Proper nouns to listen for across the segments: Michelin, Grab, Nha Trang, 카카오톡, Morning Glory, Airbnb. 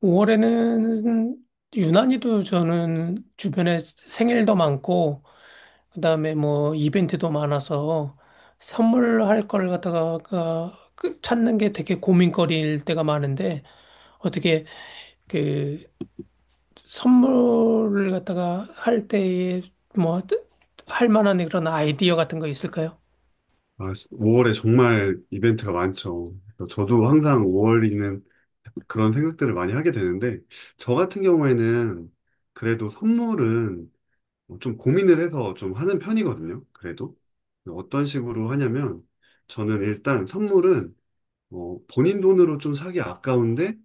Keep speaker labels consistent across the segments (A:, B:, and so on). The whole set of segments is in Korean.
A: 5월에는 유난히도 저는 주변에 생일도 많고, 그다음에 뭐 이벤트도 많아서 선물할 걸 갖다가 그 찾는 게 되게 고민거리일 때가 많은데, 어떻게 그 선물을 갖다가 할 때에 뭐 할 만한 그런 아이디어 같은 거 있을까요?
B: 아, 5월에 정말 이벤트가 많죠. 저도 항상 5월에는 그런 생각들을 많이 하게 되는데, 저 같은 경우에는 그래도 선물은 뭐 좀 고민을 해서 좀 하는 편이거든요. 그래도. 어떤 식으로 하냐면, 저는 일단 선물은 본인 돈으로 좀 사기 아까운데,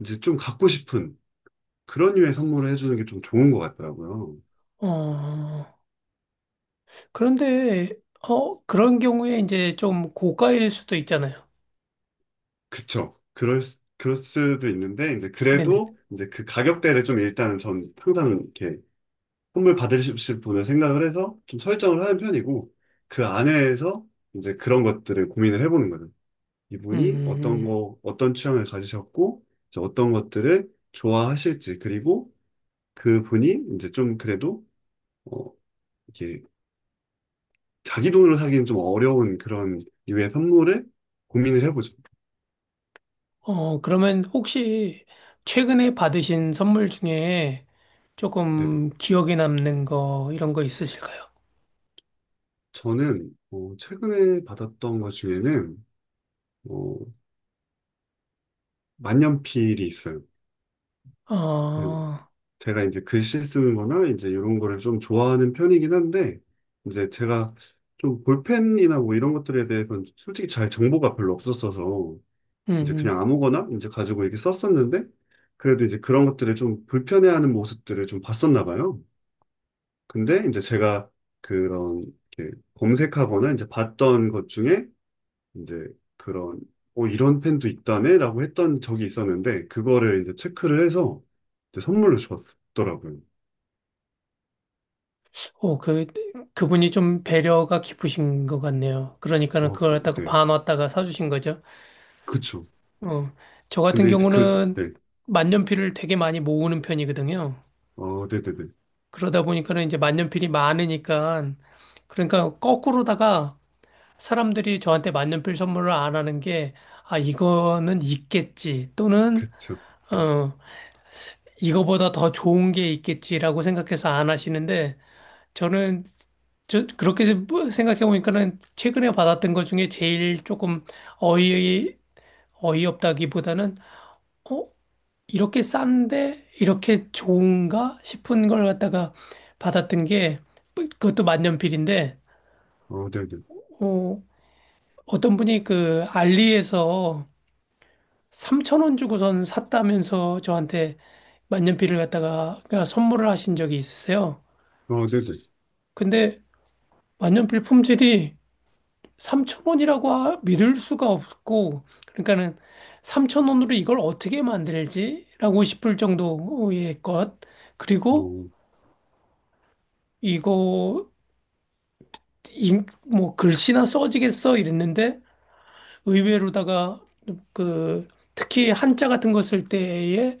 B: 이제 좀 갖고 싶은 그런 류의 선물을 해주는 게 좀 좋은 것 같더라고요.
A: 어, 그런데, 그런 경우에 이제 좀 고가일 수도 있잖아요.
B: 그쵸. 그럴 수도 있는데, 이제
A: 네네.
B: 그래도 이제 그 가격대를 좀 일단은 전 항상 이렇게 선물 받으실 분을 생각을 해서 좀 설정을 하는 편이고, 그 안에서 이제 그런 것들을 고민을 해보는 거죠. 이분이 어떤
A: 음.
B: 거, 어떤 취향을 가지셨고, 이제 어떤 것들을 좋아하실지, 그리고 그분이 이제 좀 그래도, 어, 이렇게 자기 돈으로 사기는 좀 어려운 그런 류의 선물을 고민을 해보죠.
A: 그러면 혹시 최근에 받으신 선물 중에
B: 네네.
A: 조금 기억에 남는 거, 이런 거 있으실까요?
B: 저는, 최근에 받았던 것 중에는, 어, 만년필이 있어요.
A: 어,
B: 제가 이제 글씨 쓰는 거나 이제 이런 거를 좀 좋아하는 편이긴 한데, 이제 제가 좀 볼펜이나 뭐 이런 것들에 대해서는 솔직히 잘 정보가 별로 없었어서,
A: 음,
B: 이제 그냥
A: 음.
B: 아무거나 이제 가지고 이렇게 썼었는데, 그래도 이제 그런 것들을 좀 불편해하는 모습들을 좀 봤었나 봐요. 근데 이제 제가 그런 이렇게 검색하거나 이제 봤던 것 중에 이제 그런, 이런 펜도 있다네? 라고 했던 적이 있었는데, 그거를 이제 체크를 해서 이제 선물로 줬더라고요.
A: 오, 그분이 좀 배려가 깊으신 것 같네요. 그러니까는 그걸 갖다가
B: 네.
A: 반 왔다가 사주신 거죠.
B: 그쵸.
A: 어, 저 같은
B: 근데 이제
A: 경우는
B: 네.
A: 만년필을 되게 많이 모으는 편이거든요.
B: 네네네.
A: 그러다 보니까는 이제 만년필이 많으니까, 그러니까 거꾸로다가 사람들이 저한테 만년필 선물을 안 하는 게, 아, 이거는 있겠지. 또는,
B: 그쵸.
A: 어, 이거보다 더 좋은 게 있겠지라고 생각해서 안 하시는데, 저는, 그렇게 뭐 생각해 보니까는 최근에 받았던 것 중에 제일 조금 어이, 어이없다기보다는, 어, 이렇게 싼데, 이렇게 좋은가 싶은 걸 갖다가 받았던 게, 그것도 만년필인데,
B: 네네.
A: 어, 어떤 분이 그 알리에서 3천 원 주고선 샀다면서 저한테 만년필을 갖다가 그러니까 선물을 하신 적이 있으세요.
B: 네네.
A: 근데 만년필 품질이 3천 원이라고 믿을 수가 없고, 그러니까는 삼천 원으로 이걸 어떻게 만들지라고 싶을 정도의 것.
B: 어,
A: 그리고 이거 뭐 글씨나 써지겠어 이랬는데, 의외로다가 그 특히 한자 같은 거 쓸 때의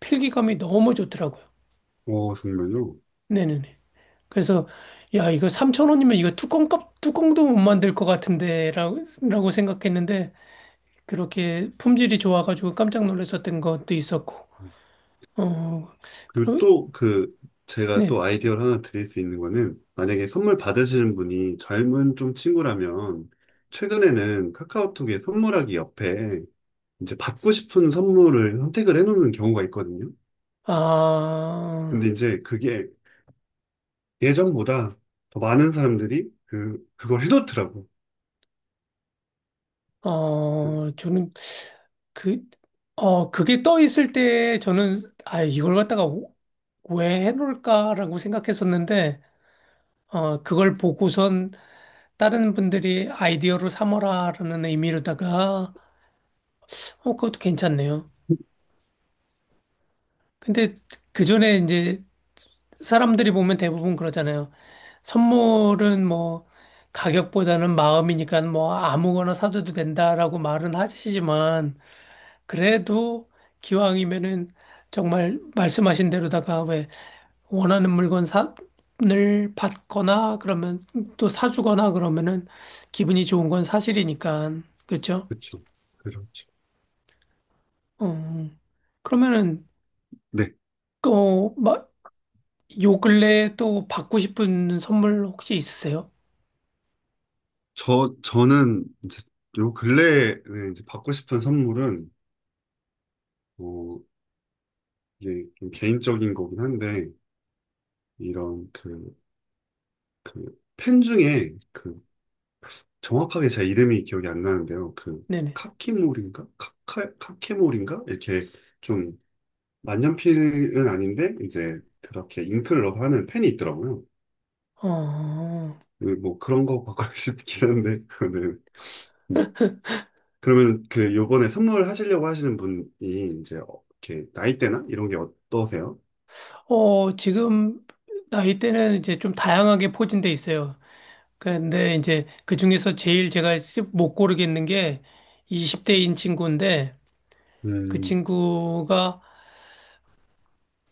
A: 필기감이 너무 좋더라고요.
B: 정말요.
A: 네네네. 그래서 야, 이거 3천 원이면 이거 뚜껑값 뚜껑도 못 만들 것 같은데 라고 생각했는데 그렇게 품질이 좋아가지고 깜짝 놀랐었던 것도 있었고. 어,
B: 그리고
A: 그럼
B: 또 제가
A: 네.
B: 또 아이디어를 하나 드릴 수 있는 거는, 만약에 선물 받으시는 분이 젊은 좀 친구라면, 최근에는 카카오톡에 선물하기 옆에, 이제 받고 싶은 선물을 선택을 해놓는 경우가 있거든요. 근데
A: 아,
B: 이제 그게 예전보다 더 많은 사람들이 그걸 해놓더라고. 그-
A: 저는 그, 그게 떠 있을 때 저는 아, 이걸 갖다가 왜 해놓을까라고 생각했었는데, 그걸 보고선 다른 분들이 아이디어로 삼어라라는 의미로다가, 그것도 괜찮네요. 근데 그 전에 이제 사람들이 보면 대부분 그러잖아요. 선물은 뭐 가격보다는 마음이니까 뭐 아무거나 사줘도 된다라고 말은 하시지만 그래도 기왕이면은 정말 말씀하신 대로다가 왜 원하는 물건 사, 을 받거나 그러면 또 사주거나 그러면은 기분이 좋은 건 사실이니까. 그렇죠?
B: 그쵸. 그렇죠.
A: 어, 그러면은
B: 네.
A: 요 근래 또 받고 싶은 선물 혹시 있으세요?
B: 저는 이제 요 근래에 이제 받고 싶은 선물은, 어, 이게 좀 개인적인 거긴 한데, 이런 팬 중에 정확하게 제 이름이 기억이 안 나는데요.
A: 네네.
B: 카키몰인가? 카케몰인가? 이렇게 좀 만년필은 아닌데, 이제 그렇게 잉크를 넣어서 하는 펜이 있더라고요.
A: 어,
B: 그뭐 그런 거 받고 싶긴 한데, 그거는. 그러면 그 요번에 선물하시려고 하시는 분이 이제 이렇게 나이대나 이런 게 어떠세요?
A: 지금 나이대는 이제 좀 다양하게 포진돼 있어요. 그런데 이제 그 중에서 제일 제가 못 고르겠는 게 20대인 친구인데 그
B: 음,
A: 친구가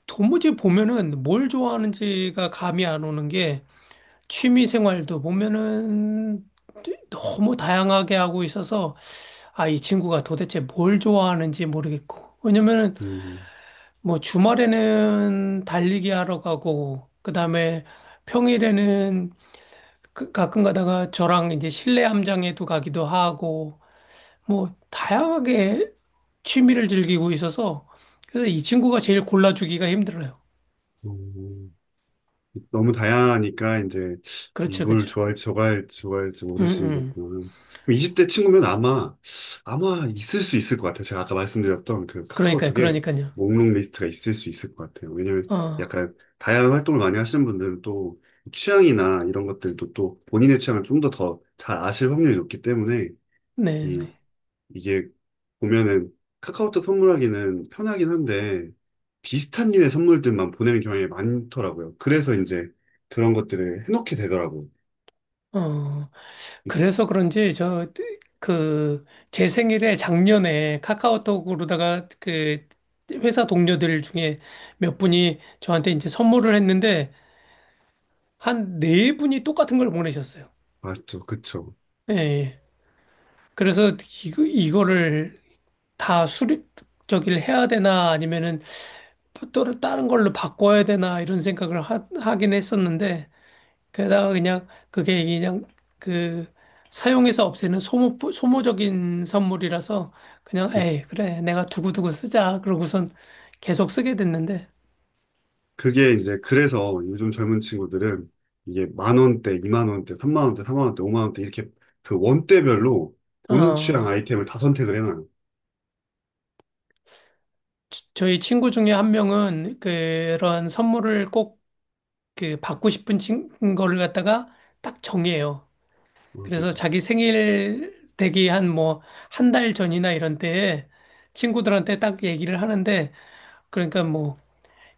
A: 도무지 보면은 뭘 좋아하는지가 감이 안 오는 게 취미 생활도 보면은 너무 다양하게 하고 있어서 아, 이 친구가 도대체 뭘 좋아하는지 모르겠고. 왜냐면은
B: 음,
A: 뭐 주말에는 달리기 하러 가고 그다음에 평일에는 가끔 가다가 저랑 이제 실내 함장에도 가기도 하고 뭐 다양하게 취미를 즐기고 있어서 그래서 이 친구가 제일 골라주기가 힘들어요.
B: 음, 너무 다양하니까 이제
A: 그렇죠,
B: 이걸
A: 그렇죠.
B: 좋아할지 저거 할지 저거 할지
A: 음, 음.
B: 모르시겠구나. 20대 친구면 아마 있을 수 있을 것 같아요. 제가 아까 말씀드렸던 그
A: 그러니까요,
B: 카카오톡에
A: 그러니까요.
B: 목록 리스트가 있을 수 있을 것 같아요. 왜냐면
A: 어,
B: 약간 다양한 활동을 많이 하시는 분들은 또 취향이나 이런 것들도 또 본인의 취향을 좀 더 더 잘 아실 확률이 높기 때문에
A: 네,
B: 이
A: 네.
B: 이게 보면은 카카오톡 선물하기는 편하긴 한데 비슷한 류의 선물들만 보내는 경향이 많더라고요. 그래서 이제 그런 것들을 해놓게 되더라고요.
A: 어.
B: 이게
A: 그래서 그런지 그 제 생일에 작년에 카카오톡으로다가 그 회사 동료들 중에 몇 분이 저한테 이제 선물을 했는데 한 네 분이 똑같은 걸 보내셨어요.
B: 맞죠, 그쵸,
A: 예. 예. 그래서 이거를 다 수립 저기를 해야 되나 아니면은 또 다른 걸로 바꿔야 되나 이런 생각을 하긴 했었는데, 게다가 그냥 그게 그냥 그 사용해서 없애는 소모적인 선물이라서 그냥
B: 그쵸.
A: 에이, 그래, 내가 두고두고 쓰자. 그러고선 계속 쓰게 됐는데,
B: 그게 이제 그래서 요즘 젊은 친구들은 이게 1만 원대, 2만 원대, 3만 원대, 4만 원대, 5만 원대 이렇게 그 원대별로 본인 취향
A: 어,
B: 아이템을 다 선택을 해놔요.
A: 저희 친구 중에 한 명은 그런 선물을 꼭 그 받고 싶은 친 거를 갖다가 딱 정해요. 그래서
B: 네네.
A: 자기 생일 되기 한 뭐 한 달 전이나 이런 때에 친구들한테 딱 얘기를 하는데, 그러니까 뭐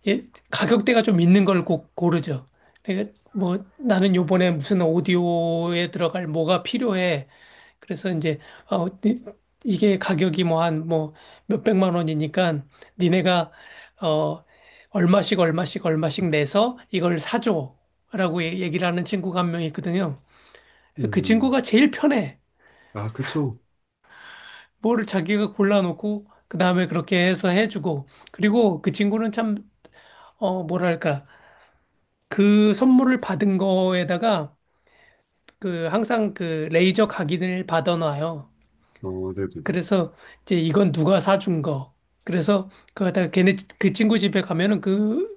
A: 예, 가격대가 좀 있는 걸 꼭 고르죠. 그러니까 뭐 나는 요번에 무슨 오디오에 들어갈 뭐가 필요해. 그래서 이제 어, 니- 이게 가격이 뭐 한 뭐 몇백만 원이니까 니네가 어 얼마씩 얼마씩 얼마씩 내서 이걸 사줘라고 얘기를 하는 친구가 한 명 있거든요. 그
B: 음,
A: 친구가 제일 편해.
B: 아, 그쵸.
A: 뭐를 자기가 골라놓고 그 다음에 그렇게 해서 해주고, 그리고 그 친구는 참 어 뭐랄까 그 선물을 받은 거에다가 그 항상 그 레이저 각인을 받아놔요.
B: 네네네.
A: 그래서 이제 이건 누가 사준 거. 그래서 그 친구 집에 가면은 그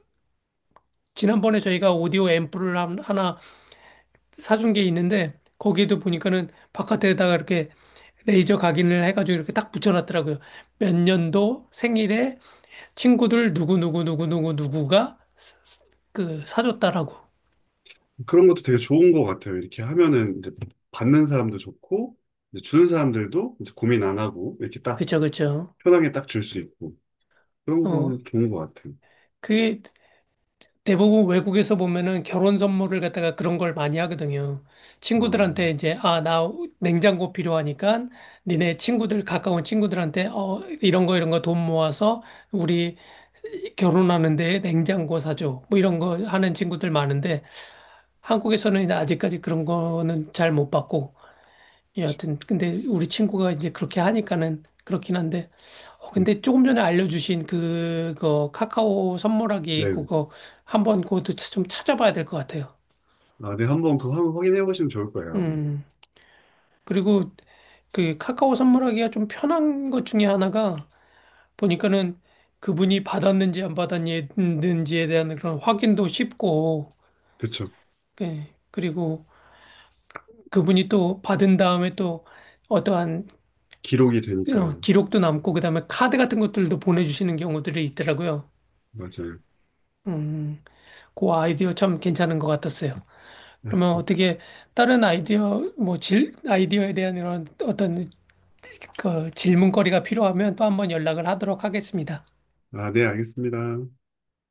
A: 지난번에 저희가 오디오 앰프를 하나 사준 게 있는데 거기에도 보니까는 바깥에다가 이렇게 레이저 각인을 해가지고 이렇게 딱 붙여놨더라고요. 몇 년도 생일에 친구들 누구 누구 누구 누구 누구가 그 사줬다라고.
B: 그런 것도 되게 좋은 것 같아요. 이렇게 하면은 이제 받는 사람도 좋고, 이제 주는 사람들도 이제 고민 안 하고, 이렇게 딱
A: 그쵸, 그쵸.
B: 편하게 딱 줄 수 있고, 그런
A: 어
B: 건 좋은 것 같아요.
A: 그게 대부분 외국에서 보면은 결혼 선물을 갖다가 그런 걸 많이 하거든요. 친구들한테
B: 아,
A: 이제, 아, 나 냉장고 필요하니까 니네 친구들, 가까운 친구들한테, 이런 거, 이런 거 돈 모아서 우리 결혼하는데 냉장고 사줘. 뭐 이런 거 하는 친구들 많은데 한국에서는 이제 아직까지 그런 거는 잘 못 봤고 여하튼 근데 우리 친구가 이제 그렇게 하니까는 그렇긴 한데,
B: 네.
A: 근데 조금 전에 알려주신 그거 카카오 선물하기
B: 네.
A: 그거 한번 그것도 좀 찾아봐야 될 것 같아요.
B: 아, 네. 한번 그거 한번 확인해 보시면 좋을 거예요. 그렇
A: 음 그리고 그 카카오 선물하기가 좀 편한 것 중에 하나가 보니까는 그분이 받았는지 안 받았는지에 대한 그런 확인도 쉽고,
B: 그쵸.
A: 예, 그리고 그분이 또 받은 다음에 또 어떠한
B: 기록이 되니까.
A: 기록도 남고 그다음에 카드 같은 것들도 보내주시는 경우들이 있더라고요.
B: 맞아요.
A: 음, 그 아이디어 참 괜찮은 것 같았어요.
B: 아,
A: 그러면
B: 네.
A: 어떻게 다른 아이디어 아이디어에 대한 이런 어떤 그 질문거리가 필요하면 또 한번 연락을 하도록 하겠습니다.
B: 아, 네. 알겠습니다.